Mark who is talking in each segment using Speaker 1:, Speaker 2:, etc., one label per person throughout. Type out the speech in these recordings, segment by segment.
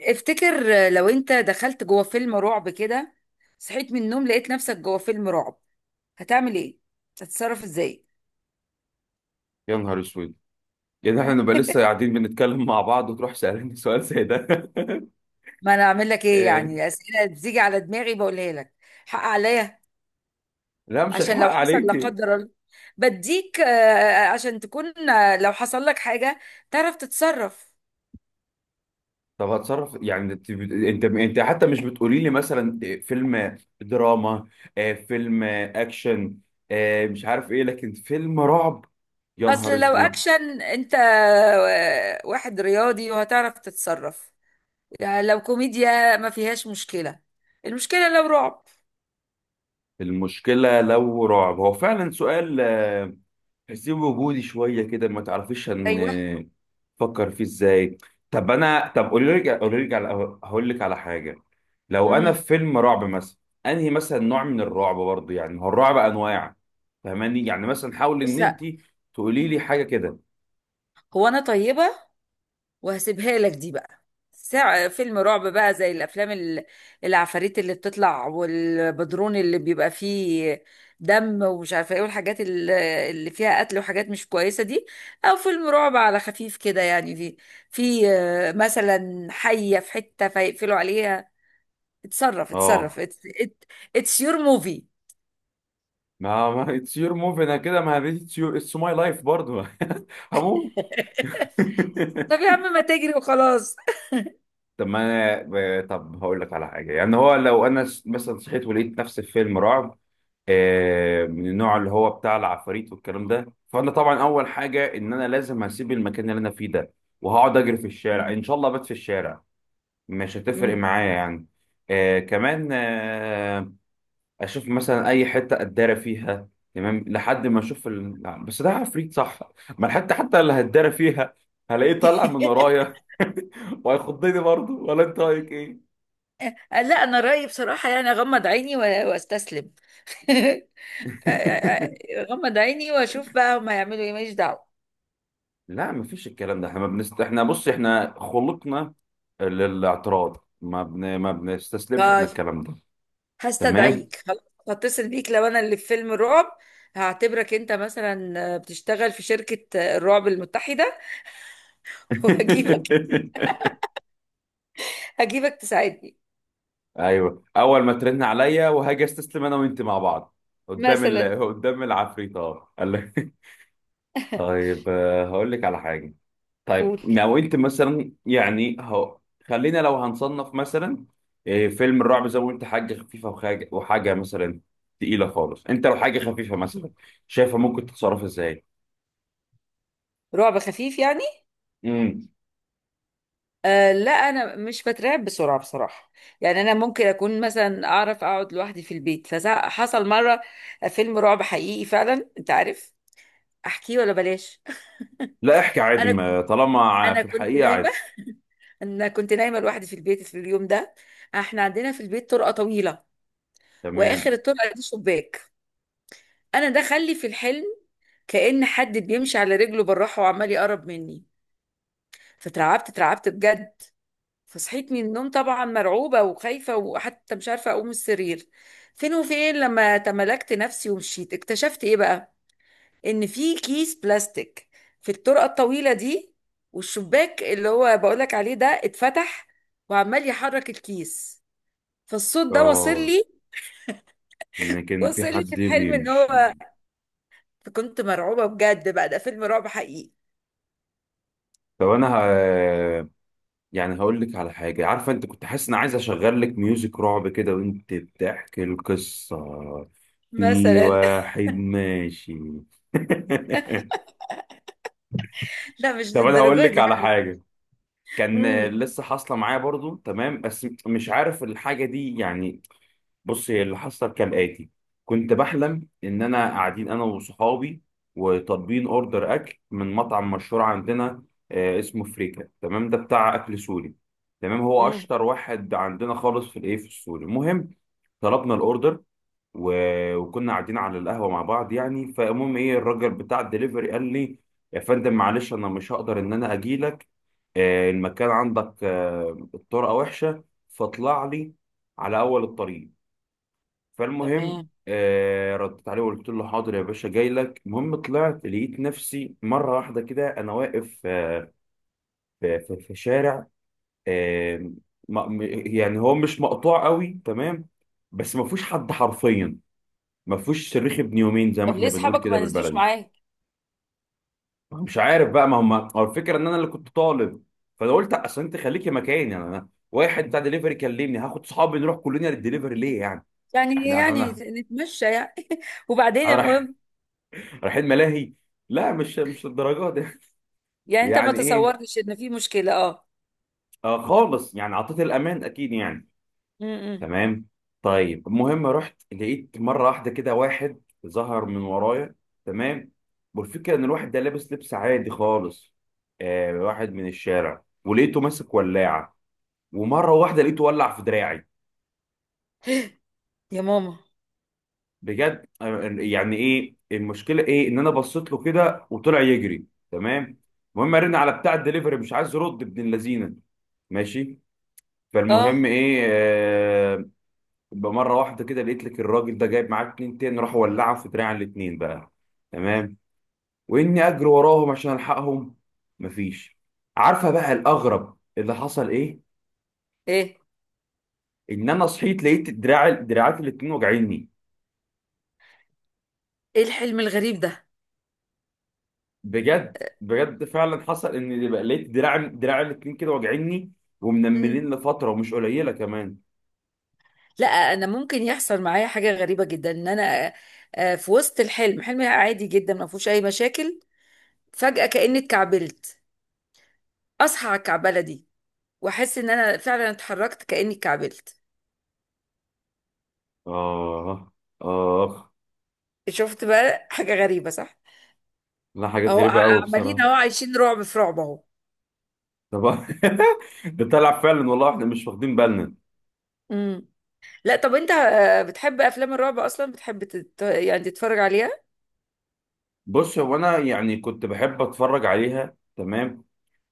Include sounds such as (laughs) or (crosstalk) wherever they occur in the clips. Speaker 1: افتكر لو انت دخلت جوه فيلم رعب كده، صحيت من النوم لقيت نفسك جوه فيلم رعب، هتعمل ايه؟ هتتصرف ازاي؟
Speaker 2: يا نهار اسود! يعني احنا نبقى لسه
Speaker 1: (laughs)
Speaker 2: قاعدين بنتكلم مع بعض وتروح سألني (laughs) سؤال زي ده.
Speaker 1: ما انا اعمل لك
Speaker 2: (laughs)
Speaker 1: ايه؟ يعني
Speaker 2: إيه؟
Speaker 1: الاسئله بتيجي على دماغي بقولها لك. حق عليا.
Speaker 2: لا، مش
Speaker 1: عشان
Speaker 2: الحق
Speaker 1: لو حصل لا
Speaker 2: عليكي.
Speaker 1: قدر الله بديك، عشان تكون، لو حصل لك حاجه تعرف تتصرف.
Speaker 2: طب هتصرف. يعني انت حتى مش بتقولي لي مثلا إيه، فيلم دراما، فيلم اكشن، مش عارف ايه لكن فيلم رعب. يا نهار
Speaker 1: اصل لو
Speaker 2: اسود!
Speaker 1: اكشن انت واحد رياضي وهتعرف تتصرف. يعني لو كوميديا ما فيهاش مشكله. المشكله لو رعب.
Speaker 2: المشكلة لو رعب. هو فعلا سؤال، تحسيه وجودي شويه كده، ما تعرفيش ان
Speaker 1: ايوه.
Speaker 2: فكر فيه ازاي. طب انا، طب قولي لي على، هقول لك على حاجه. لو انا في فيلم رعب مثلا، انهي مثلا نوع من الرعب برضه؟ يعني هو الرعب انواع، فاهماني؟ يعني مثلا حاولي ان
Speaker 1: بص،
Speaker 2: انت
Speaker 1: لأ،
Speaker 2: تقولي لي حاجه كده.
Speaker 1: هو انا طيبه وهسيبها لك دي بقى. ساعة فيلم رعب بقى زي الافلام العفاريت اللي بتطلع والبدرون اللي بيبقى فيه دم ومش عارفه ايه والحاجات اللي فيها قتل وحاجات مش كويسه دي. او فيلم رعب على خفيف كده، يعني في مثلا حيه في حته فيقفلوا عليها. اتصرف اتصرف.
Speaker 2: اه،
Speaker 1: اتس يور موفي.
Speaker 2: ما اتس يور موف انا كده. ما اتس ماي لايف برضه. (laughs) هموت.
Speaker 1: (laughs)
Speaker 2: (laughs)
Speaker 1: طب يا عم ما تجري وخلاص.
Speaker 2: طب ما انا، هقول لك على حاجه. يعني هو لو انا مثلا صحيت ولقيت نفسي في فيلم رعب، من النوع اللي هو بتاع العفاريت والكلام ده، فانا طبعا اول حاجه ان انا لازم هسيب المكان اللي انا فيه ده، وهقعد اجري في الشارع. ان
Speaker 1: (laughs)
Speaker 2: شاء الله بات في الشارع، مش هتفرق
Speaker 1: مم.
Speaker 2: معايا يعني. كمان اشوف مثلا اي حته اتدارى فيها. تمام، لحد ما اشوف لا، بس ده عفريت صح، ما الحته حتى اللي هتدارى فيها هلاقيه طالع من
Speaker 1: (laughs)
Speaker 2: ورايا. (laughs) وهيخضني برضه، ولا انت رايك ايه؟
Speaker 1: لا انا رايي بصراحه يعني اغمض عيني واستسلم. (laughs)
Speaker 2: (laughs)
Speaker 1: اغمض عيني واشوف بقى هما يعملوا ايه، ماليش دعوه.
Speaker 2: لا، مفيش الكلام ده. احنا ما بنست... احنا بص، احنا خلقنا للاعتراض، ما بنستسلمش احنا.
Speaker 1: طيب،
Speaker 2: الكلام ده تمام.
Speaker 1: هستدعيك خلاص. هتصل بيك لو انا اللي في فيلم الرعب. هعتبرك انت مثلا بتشتغل في شركه، الرعب المتحده. (laughs) وهجيبك.
Speaker 2: (laughs)
Speaker 1: تساعدني
Speaker 2: ايوه، اول ما ترن عليا وهاجي استسلم انا وانت مع بعض قدام
Speaker 1: مثلا.
Speaker 2: قدام العفريت، اه قال لك. (laughs) طيب، هقول لك على حاجه. طيب
Speaker 1: قول.
Speaker 2: لو انت مثلا، يعني هو خلينا لو هنصنف مثلا، فيلم الرعب زي ما قلت حاجه خفيفه وحاجه مثلا تقيله خالص. انت لو حاجه خفيفه مثلا شايفه ممكن تتصرف ازاي؟
Speaker 1: رعب خفيف يعني.
Speaker 2: امم.
Speaker 1: لا انا مش بترعب بسرعه بصراحه. يعني انا ممكن اكون مثلا اعرف اقعد لوحدي في البيت، فحصل مره فيلم رعب حقيقي فعلا. انت عارف، احكيه ولا بلاش؟
Speaker 2: لا، احكي
Speaker 1: (laughs)
Speaker 2: عادي
Speaker 1: انا
Speaker 2: ما طالما
Speaker 1: انا
Speaker 2: في
Speaker 1: كنت
Speaker 2: الحقيقه
Speaker 1: نايمه.
Speaker 2: عادي.
Speaker 1: انا كنت نايمه لوحدي في البيت في اليوم ده. احنا عندنا في البيت طرقه طويله،
Speaker 2: تمام.
Speaker 1: واخر الطرقه دي شباك. انا ده خلي في الحلم كأن حد بيمشي على رجله بالراحه وعمال يقرب مني. اترعبت بجد. فصحيت من النوم طبعا مرعوبة وخايفة، وحتى مش عارفة أقوم من السرير. فين وفين لما تملكت نفسي ومشيت اكتشفت إيه بقى؟ إن في كيس بلاستيك في الطرقة الطويلة دي، والشباك اللي هو بقولك عليه ده اتفتح وعمال يحرك الكيس، فالصوت ده وصل
Speaker 2: اه،
Speaker 1: لي.
Speaker 2: ان كان في
Speaker 1: وصل لي
Speaker 2: حد
Speaker 1: في الحلم إن
Speaker 2: بيمشي.
Speaker 1: هو. فكنت مرعوبة بجد، بقى ده فيلم رعب حقيقي.
Speaker 2: طب انا يعني هقول لك على حاجة. عارفة، انت كنت حاسس ان عايز اشغل لك ميوزك رعب كده وانت بتحكي القصة، في
Speaker 1: مثلا.
Speaker 2: واحد ماشي. (laughs)
Speaker 1: (laughs) لا مش
Speaker 2: طب انا هقول
Speaker 1: للدرجة
Speaker 2: لك
Speaker 1: دي
Speaker 2: على
Speaker 1: يعني.
Speaker 2: حاجة. كان
Speaker 1: امم.
Speaker 2: لسه حاصلة معايا برضو، تمام، بس مش عارف الحاجة دي يعني. بص، هي اللي حصل كالآتي. كنت بحلم إن أنا قاعدين أنا وصحابي، وطالبين أوردر أكل من مطعم مشهور عندنا، اسمه فريكا. تمام، ده بتاع أكل سوري. تمام، هو
Speaker 1: امم.
Speaker 2: أشطر واحد عندنا خالص في الإيه في السوري. المهم طلبنا الأوردر، وكنا قاعدين على القهوة مع بعض يعني. فالمهم الراجل بتاع الدليفري قال لي: يا فندم معلش، أنا مش هقدر إن أنا أجيلك. المكان عندك، الطرقة وحشة، فاطلع لي على أول الطريق. فالمهم
Speaker 1: تمام.
Speaker 2: ردت عليه وقلت له: حاضر يا باشا، جاي لك. المهم طلعت لقيت نفسي مره واحده كده انا واقف، في شارع، آه م- م- يعني هو مش مقطوع قوي، تمام، بس ما فيهوش حد حرفيا، ما فيهوش صريخ ابن يومين زي ما
Speaker 1: طب ليه
Speaker 2: احنا بنقول
Speaker 1: أصحابك
Speaker 2: كده
Speaker 1: ما نزلوش
Speaker 2: بالبلدي.
Speaker 1: معاك؟
Speaker 2: مش عارف بقى، ما هم هو الفكره ان انا اللي كنت طالب. فانا قلت: اصل انت خليكي مكاني يعني، انا واحد بتاع دليفري كلمني هاخد صحابي نروح كلنا للدليفري ليه يعني؟
Speaker 1: يعني
Speaker 2: احنا انا
Speaker 1: نتمشى يعني. (laughs) وبعدين،
Speaker 2: انا
Speaker 1: المهم.
Speaker 2: رايحين ملاهي؟ لا، مش للدرجه دي. (laughs)
Speaker 1: يعني انت ما
Speaker 2: يعني ايه؟
Speaker 1: تصورتش ان في مشكلة؟ اه.
Speaker 2: خالص يعني عطيت الامان اكيد يعني.
Speaker 1: امم.
Speaker 2: تمام. طيب المهم رحت لقيت مره واحده كده واحد ظهر من ورايا. تمام، والفكره ان الواحد ده لابس لبس عادي خالص، واحد من الشارع، ولقيته ماسك ولاعه ومره واحده لقيته ولع في دراعي.
Speaker 1: يا ماما.
Speaker 2: بجد. يعني ايه المشكله؟ ايه ان انا بصيت له كده وطلع يجري. تمام، المهم رن على بتاع الدليفري مش عايز يرد ابن اللذينه ماشي. فالمهم
Speaker 1: اه.
Speaker 2: ايه آه بمره واحده كده لقيت لك الراجل ده جايب معاه اتنين تاني، راح ولعهم في دراع الاتنين بقى. تمام، واني اجري وراهم عشان الحقهم، مفيش. عارفه بقى الاغرب اللي حصل ايه؟
Speaker 1: ايه
Speaker 2: ان انا صحيت لقيت دراعات الاتنين واجعيني.
Speaker 1: ايه الحلم الغريب ده؟
Speaker 2: بجد بجد، فعلا حصل ان بقى لقيت دراع دراع الاتنين كده واجعيني
Speaker 1: امم.
Speaker 2: ومنملين لفتره ومش قليله كمان.
Speaker 1: لا انا ممكن يحصل معايا حاجة غريبة جدا ان انا، في وسط الحلم، حلم عادي جدا ما فيهوش اي مشاكل، فجأة كأني اتكعبلت. اصحى على الكعبلة دي واحس ان انا فعلا اتحركت كأني اتكعبلت.
Speaker 2: اه. اه.
Speaker 1: شفت بقى حاجة غريبة، صح؟
Speaker 2: لا، حاجات
Speaker 1: اهو
Speaker 2: غريبه قوي
Speaker 1: عمالين
Speaker 2: بصراحه.
Speaker 1: اهو عايشين رعب في رعب اهو.
Speaker 2: طب، (laughs) ده طلع فعلا والله احنا مش واخدين بالنا.
Speaker 1: امم. لا طب انت بتحب افلام الرعب اصلا؟ بتحب يعني تتفرج عليها؟
Speaker 2: بص، هو انا يعني كنت بحب اتفرج عليها، تمام.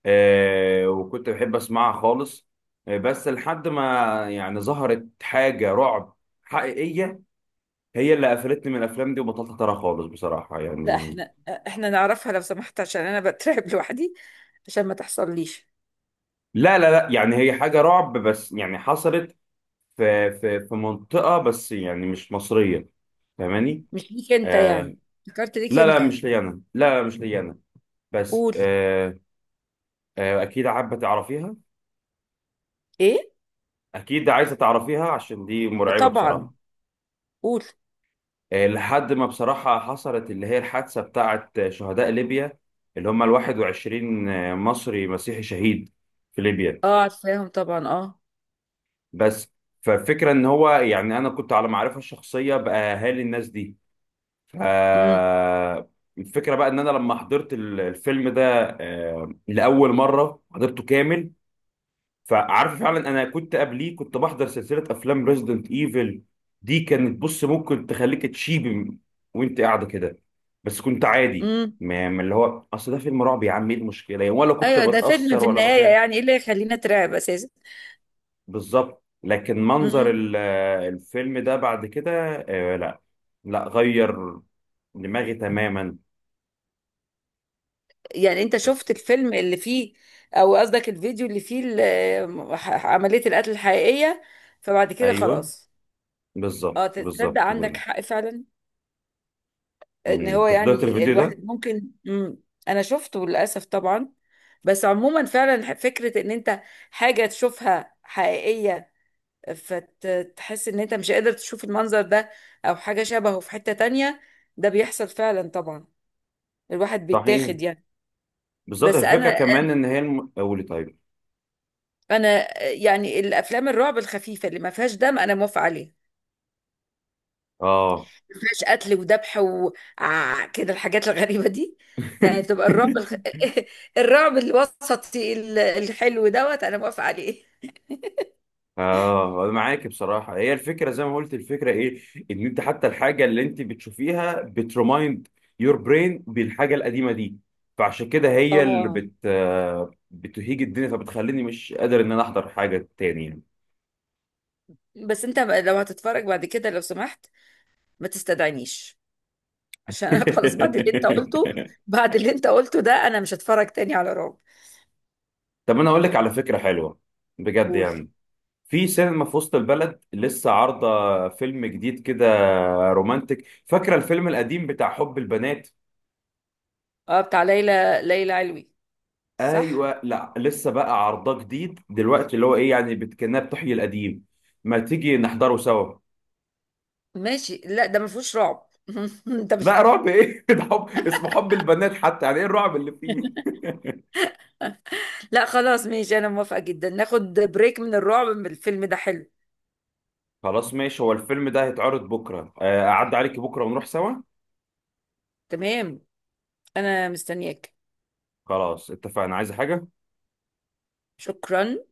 Speaker 2: وكنت بحب اسمعها خالص. بس لحد ما يعني ظهرت حاجة رعب حقيقية، هي اللي قفلتني من الافلام دي وبطلت اتابعها خالص بصراحة
Speaker 1: لا
Speaker 2: يعني.
Speaker 1: احنا نعرفها لو سمحت، عشان انا بترعب (laughs) لوحدي، عشان ما تحصليش.
Speaker 2: لا لا لا، يعني هي حاجة رعب بس يعني حصلت في منطقة، بس يعني مش مصرية، فاهماني؟
Speaker 1: مش ليك انت
Speaker 2: آه
Speaker 1: يعني. فكرت ليك
Speaker 2: لا لا
Speaker 1: انت.
Speaker 2: مش ليا انا، لا لا مش ليا انا، بس
Speaker 1: قول.
Speaker 2: اكيد حابه تعرفيها،
Speaker 1: ايه؟
Speaker 2: اكيد عايزه تعرفيها عشان دي مرعبه
Speaker 1: طبعا.
Speaker 2: بصراحه.
Speaker 1: قول.
Speaker 2: لحد ما بصراحه حصلت اللي هي الحادثه بتاعه شهداء ليبيا، اللي هم ال 21 مصري مسيحي شهيد في ليبيا.
Speaker 1: اه، عارفاهم طبعا. اه.
Speaker 2: بس، فالفكره ان هو يعني انا كنت على معرفه الشخصيه باهالي الناس دي. ف
Speaker 1: امم.
Speaker 2: الفكره بقى ان انا لما حضرت الفيلم ده، لاول مره حضرته كامل، فعارف. فعلا انا كنت قبليه كنت بحضر سلسله افلام ريزيدنت ايفل. دي كانت، بص، ممكن تخليك تشيب وانت قاعده كده، بس كنت عادي.
Speaker 1: امم.
Speaker 2: ما اللي هو اصل ده فيلم رعب يا عم، ايه المشكله يعني، ولا كنت
Speaker 1: ايوه ده فيلم
Speaker 2: بتاثر
Speaker 1: في
Speaker 2: ولا
Speaker 1: النهايه،
Speaker 2: بخاف.
Speaker 1: يعني ايه اللي يخلينا اترعب اساسا؟
Speaker 2: بالظبط، لكن منظر
Speaker 1: امم.
Speaker 2: الفيلم ده بعد كده، لا لا، غير دماغي تماما.
Speaker 1: يعني انت
Speaker 2: بس
Speaker 1: شفت الفيلم اللي فيه، او قصدك الفيديو اللي فيه عمليه القتل الحقيقيه؟ فبعد كده
Speaker 2: ايوه،
Speaker 1: خلاص. اه
Speaker 2: بالظبط بالظبط
Speaker 1: تصدق
Speaker 2: كده.
Speaker 1: عندك حق فعلا. ان هو
Speaker 2: انت حضرت
Speaker 1: يعني
Speaker 2: الفيديو ده؟
Speaker 1: الواحد ممكن. مم. انا شفته للاسف طبعا. بس عموما، فعلا، فكره ان انت حاجه تشوفها حقيقيه فتحس ان انت مش قادر تشوف المنظر ده، او حاجه شبهه في حته تانية، ده بيحصل فعلا طبعا. الواحد
Speaker 2: صحيح،
Speaker 1: بيتاخد يعني.
Speaker 2: بالظبط.
Speaker 1: بس
Speaker 2: الفكره
Speaker 1: انا
Speaker 2: كمان ان هي قولي طيب.
Speaker 1: انا يعني الافلام الرعب الخفيفه اللي ما فيهاش دم انا موافقه عليها.
Speaker 2: اه.
Speaker 1: ما فيهاش قتل وذبح وكده الحاجات الغريبة دي. يعني بتبقى الرعب
Speaker 2: (laughs)
Speaker 1: (laughs) الرعب الوسطي الحلو دوت انا موافقة عليه.
Speaker 2: اه، انا معاك بصراحه. هي الفكره زي ما قلت، الفكره ايه؟ ان انت حتى الحاجه اللي انت بتشوفيها بترمايند يور برين بالحاجه القديمه دي. فعشان كده هي اللي
Speaker 1: اه.
Speaker 2: بت آه، بتهيج الدنيا، فبتخليني مش قادر ان انا احضر حاجه تاني يعني.
Speaker 1: بس انت لو هتتفرج بعد كده، لو سمحت ما تستدعينيش، عشان انا (laughs) خلاص بعد اللي انت قلته.
Speaker 2: (laughs)
Speaker 1: بعد اللي انت قلته ده انا مش هتفرج تاني على رعب.
Speaker 2: طب انا اقول لك على فكره حلوه، بجد
Speaker 1: قول.
Speaker 2: يعني. في سينما في وسط البلد لسه عارضه فيلم جديد كده رومانتك. فاكره الفيلم القديم بتاع حب البنات؟
Speaker 1: اه، بتاع ليلى علوي، صح.
Speaker 2: ايوه، لا لسه بقى عرضه جديد دلوقتي، اللي هو ايه يعني، كأنها بتحيي القديم. ما تيجي نحضره سوا؟
Speaker 1: ماشي. لا ده ما فيهوش رعب. (laughs) انت مش.
Speaker 2: لا رعب ايه؟ (laughs) ده حب، اسمه حب البنات حتى، يعني ايه الرعب اللي فيه؟
Speaker 1: لا خلاص، ماشي، انا موافقة جدا، ناخد بريك من الرعب، من الفيلم ده. حلو.
Speaker 2: خلاص ماشي، هو الفيلم ده هيتعرض بكره، اعدي عليك بكره ونروح سوا.
Speaker 1: تمام. انا مستنياك.
Speaker 2: خلاص اتفقنا. عايز حاجه؟
Speaker 1: شكرا.